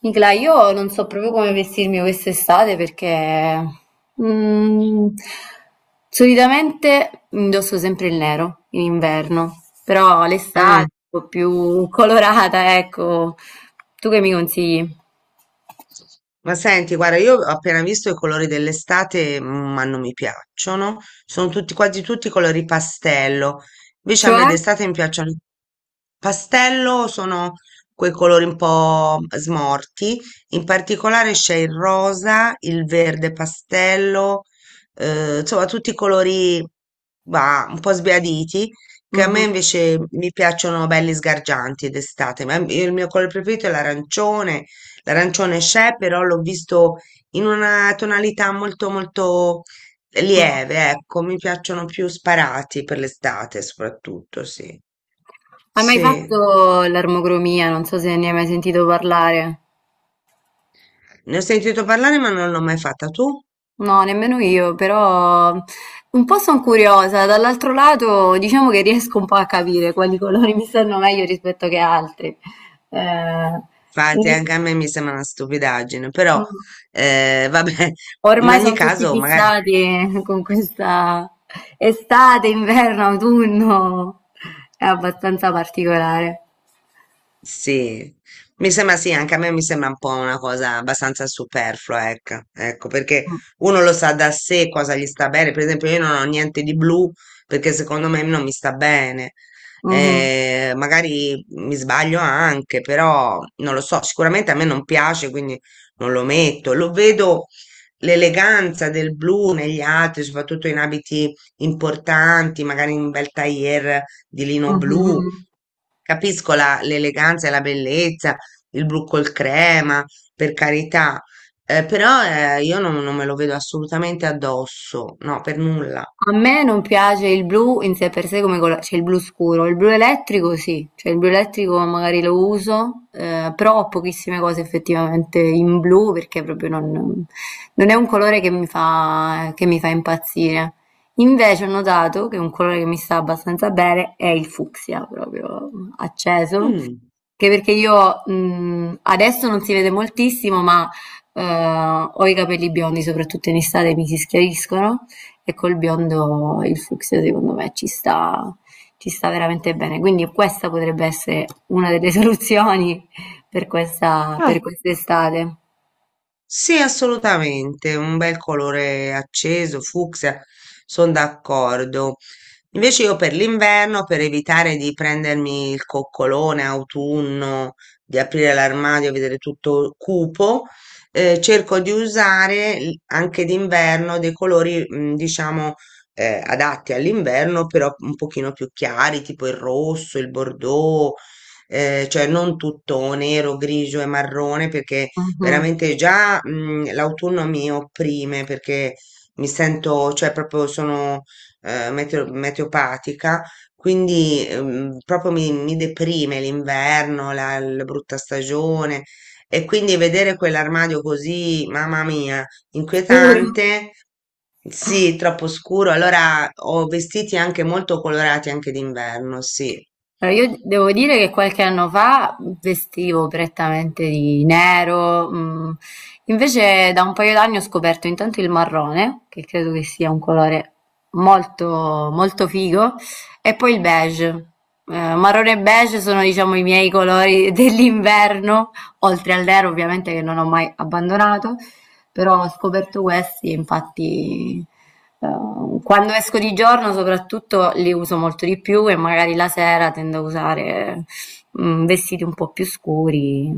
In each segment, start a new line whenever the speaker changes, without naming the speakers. Nicla, io non so proprio come vestirmi quest'estate perché, mm, solitamente indosso sempre il nero in inverno, però l'estate
Mm.
è un po' più colorata, ecco. Tu che mi consigli?
Ma senti, guarda, io ho appena visto i colori dell'estate, ma non mi piacciono. Quasi tutti colori pastello. Invece a me
Cioè?
d'estate mi piacciono. Pastello sono quei colori un po' smorti. In particolare c'è il rosa, il verde pastello, insomma, tutti i colori, un po' sbiaditi. Che a me
Mhm,
invece mi piacciono belli sgargianti d'estate, ma il mio colore preferito è l'arancione. L'arancione c'è, però l'ho visto in una tonalità molto molto
mhm.
lieve, ecco, mi piacciono più sparati per l'estate soprattutto, sì.
Hai mai
Sì,
fatto l'armocromia? Non so se ne hai mai sentito parlare.
ne ho sentito parlare ma non l'ho mai fatta tu.
No, nemmeno io, però un po' sono curiosa. Dall'altro lato, diciamo che riesco un po' a capire quali colori mi stanno meglio rispetto che altri. Eh,
Infatti
in-
anche a me mi sembra una stupidaggine, però vabbè, in
ormai
ogni
sono tutti
caso magari.
fissati con questa estate, inverno, autunno. È abbastanza particolare.
Sì, mi sembra sì, anche a me mi sembra un po' una cosa abbastanza superflua, ecco, ecco, perché uno lo sa da sé cosa gli sta bene, per esempio io non ho niente di blu perché secondo me non mi sta bene.
Mhm,
Magari mi sbaglio anche, però non lo so, sicuramente a me non piace, quindi non lo metto, lo vedo l'eleganza del blu negli altri, soprattutto in abiti importanti, magari in un bel tailleur di lino
mhm,
blu.
mhm.
Capisco l'eleganza e la bellezza, il blu col crema, per carità, però, io non, non me lo vedo assolutamente addosso, no, per nulla.
A me non piace il blu in sé per sé come cioè il blu scuro, il blu elettrico sì, cioè il blu elettrico magari lo uso, però ho pochissime cose effettivamente in blu perché proprio non, non è un colore che mi fa impazzire. Invece ho notato che un colore che mi sta abbastanza bene è il fucsia, proprio acceso,
Mm.
che perché io, mhmm, adesso non si vede moltissimo, ma, ho i capelli biondi, soprattutto in estate mi si schiariscono e col biondo il fucsia secondo me ci sta veramente bene. Quindi questa potrebbe essere una delle soluzioni per questa
Eh,
per quest'estate.
sì, assolutamente, un bel colore acceso, fucsia, sono d'accordo. Invece io per l'inverno, per evitare di prendermi il coccolone autunno, di aprire l'armadio e vedere tutto cupo, cerco di usare anche d'inverno dei colori, diciamo, adatti all'inverno, però un pochino più chiari, tipo il rosso, il bordeaux, cioè non tutto nero, grigio e marrone, perché
Mh-mh.
veramente già, l'autunno mi opprime, perché cioè proprio sono meteopatica, quindi proprio mi deprime l'inverno, la brutta stagione e quindi vedere quell'armadio così, mamma mia,
Scuro.
inquietante, sì, troppo scuro, allora ho vestiti anche molto colorati anche d'inverno, sì.
Allora, io devo dire che qualche anno fa vestivo prettamente di nero, mm. Invece da un paio d'anni ho scoperto intanto il marrone, che credo che sia un colore molto, molto figo, e poi il beige. Marrone e beige sono, diciamo, i miei colori dell'inverno, oltre al nero ovviamente che non ho mai abbandonato, però ho scoperto questi e infatti eh, quando esco di giorno soprattutto li uso molto di più e magari la sera tendo a usare vestiti un po' più scuri,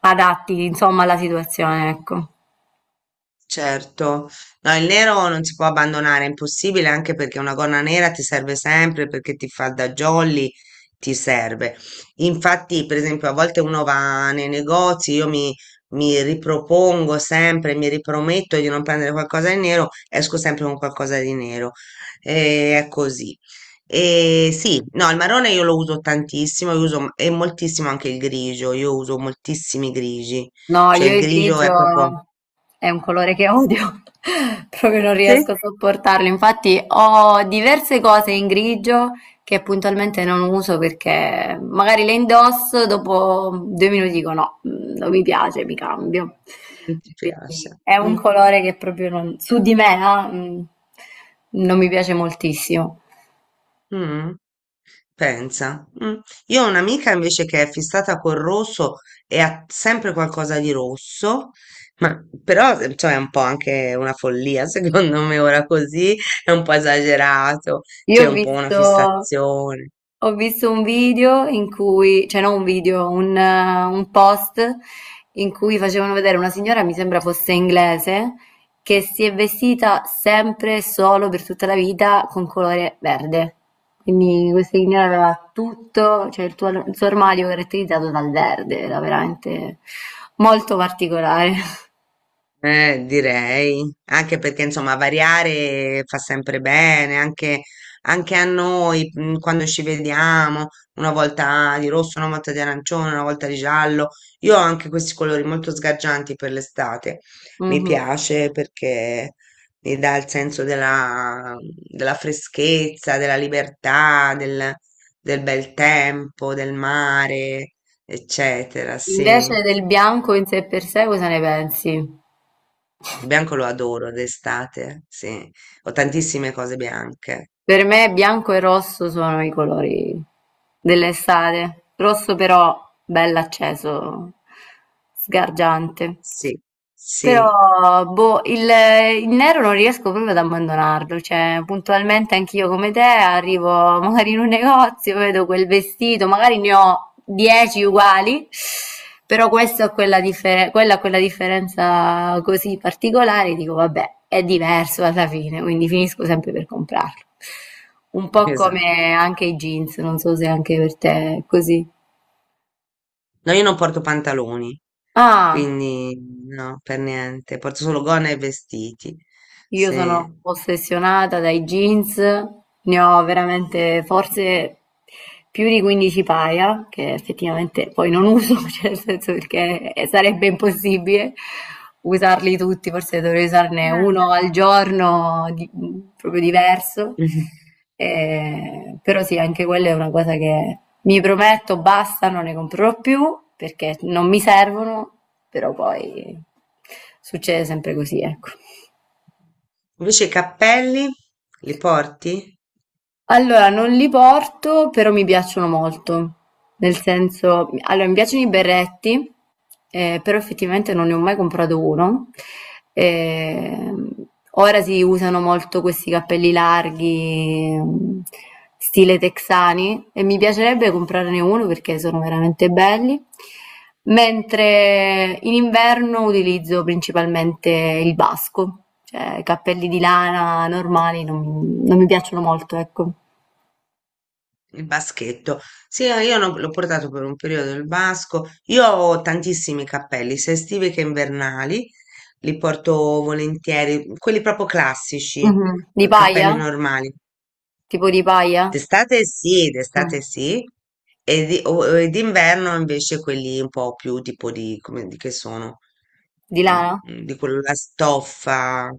adatti insomma alla situazione, ecco.
Certo, no, il nero non si può abbandonare, è impossibile anche perché una gonna nera ti serve sempre, perché ti fa da jolly, ti serve. Infatti, per esempio, a volte uno va nei negozi, mi ripropongo sempre, mi riprometto di non prendere qualcosa di nero, esco sempre con qualcosa di nero. E è così. E sì, no, il marrone io lo uso tantissimo, io uso, e moltissimo anche il grigio, io uso moltissimi grigi,
No,
cioè
io
il
il
grigio è proprio...
grigio è un colore che odio, proprio non
Sì?
riesco a sopportarlo. Infatti ho diverse cose in grigio che puntualmente non uso perché magari le indosso, dopo due minuti dico no, non mi piace, mi cambio.
Non ti piace.
Quindi è un
Mm,
colore che proprio non- su di me, non mi piace moltissimo.
mm, pensa. Mm. Io ho un'amica invece che è fissata col rosso e ha sempre qualcosa di rosso, ma però cioè, è un po' anche una follia, secondo me ora così è un po' esagerato,
Io
c'è
ho
un po' una
visto,
fissazione.
ho visto un video in cui, cioè non un video, un post in cui facevano vedere una signora, mi sembra fosse inglese, che si è vestita sempre e solo per tutta la vita con colore verde. Quindi questa signora aveva tutto, il suo armadio caratterizzato dal verde, era veramente molto particolare.
Direi, anche perché insomma variare fa sempre bene, anche, anche a noi quando ci vediamo, una volta di rosso, una volta di arancione, una volta di giallo. Io ho anche questi colori molto sgargianti per l'estate, mi
Mhm.
piace perché mi dà il senso della freschezza, della libertà, del bel tempo, del mare, eccetera, sì.
Invece del bianco in sé per sé, cosa ne pensi?
Il bianco lo adoro d'estate, sì. Ho tantissime cose bianche.
Per me bianco e rosso sono i colori dell'estate, rosso però bell'acceso, sgargiante.
Sì, sì,
Però, boh, il nero non riesco proprio ad abbandonarlo, cioè puntualmente anch'io come te arrivo magari in un negozio, vedo quel vestito, magari ne ho 10 uguali, però questo ha quella ha quella differenza così particolare, dico vabbè, è diverso alla fine, quindi finisco sempre per comprarlo. Un po'
esatto.
come anche i jeans, non so se anche per te è così.
No, io non porto pantaloni,
Ah.
quindi no, per niente. Porto solo gonna e vestiti.
Io
Sì.
sono ossessionata dai jeans, ne ho veramente forse più di 15 paia, che effettivamente poi non uso, cioè nel senso perché sarebbe impossibile usarli tutti, forse dovrei usarne uno al giorno, proprio diverso.
Mhm.
Però sì, anche quella è una cosa che mi prometto, basta, non ne comprerò più perché non mi servono, però poi succede sempre così, ecco.
Invece i cappelli li porti?
Allora, non li porto, però mi piacciono molto. Nel senso, allora mi piacciono i berretti, però effettivamente non ne ho mai comprato uno. Ehm, ora si usano molto questi cappelli larghi, stile texani, e mi piacerebbe comprarne uno perché sono veramente belli. Mentre in inverno utilizzo principalmente il basco, cioè cappelli di lana normali non mi piacciono molto, ecco.
Il baschetto. Sì, io no- l'ho portato per un periodo il basco. Io ho tantissimi cappelli, sia estivi che invernali, li porto volentieri, quelli proprio classici,
Mh-mh. Di paglia?
cappelli normali.
Tipo di paglia? Mh.
D'estate sì, e d'inverno invece quelli un po' più tipo di che sono,
Di
Mm,
lana?
di quella stoffa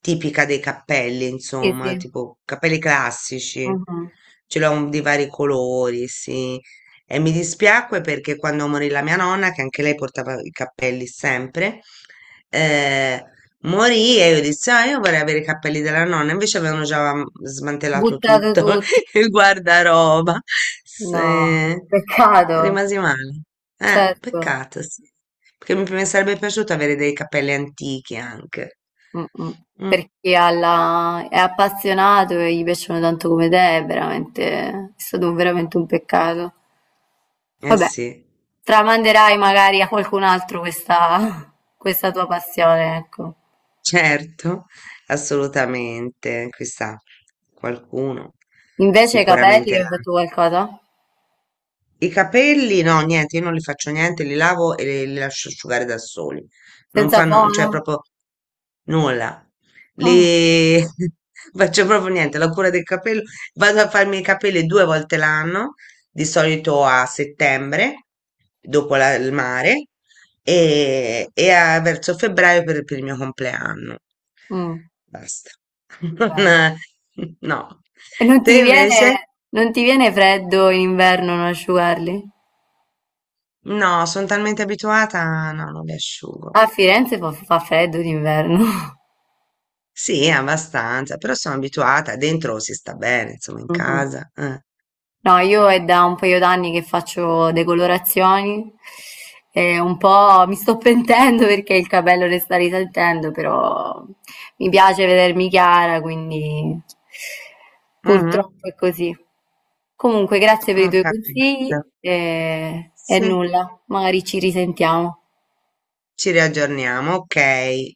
tipica dei cappelli,
Sì, sì.
insomma, tipo cappelli classici,
Mh-mh.
ce l'ho di vari colori, sì. E mi dispiacque perché quando morì la mia nonna, che anche lei portava i cappelli sempre, eh, morì e io dissi, ah, io vorrei avere i cappelli della nonna, invece avevano già smantellato
Buttato
tutto
tutto.
il guardaroba.
No,
Se-
peccato.
rimasi male.
Certo.
Peccato, sì. Perché mi sarebbe piaciuto avere dei cappelli antichi anche.
Mh-mh. Per
Mm,
chi ha la è appassionato e gli piacciono tanto come te è veramente è stato un veramente un peccato.
eh
Vabbè,
sì.
tramanderai magari a qualcun altro questa questa tua passione, ecco.
Certo, assolutamente, chissà, qualcuno
Invece i capelli,
sicuramente
hai
là.
fatto qualcosa?
I capelli, no, niente, io non li faccio niente, li lavo e li lascio asciugare da soli. Non
Senza
fanno, cioè
fono?
proprio nulla.
Ah,
Li faccio proprio niente, la cura del capello. Vado a farmi i capelli due volte l'anno, di solito a settembre, dopo il mare, e verso febbraio per il mio compleanno.
mh,
Basta.
bene.
Non- no.
E non ti
Te
viene,
invece?
non ti viene freddo in inverno non asciugarli?
No, sono talmente abituata, no, non li asciugo.
A Firenze fa, fa freddo d'inverno.
Sì, abbastanza, però sono abituata, dentro si sta bene, insomma, in
Mhm.
casa. Eh.
No, io è da un paio d'anni che faccio decolorazioni e un po' mi sto pentendo perché il capello ne sta risaltando, però mi piace vedermi chiara, quindi
Mhm.
purtroppo è così. Comunque, grazie per i
Ho
tuoi
capito.
consigli e
Sì,
nulla, magari ci risentiamo.
ci riaggiorniamo, ok.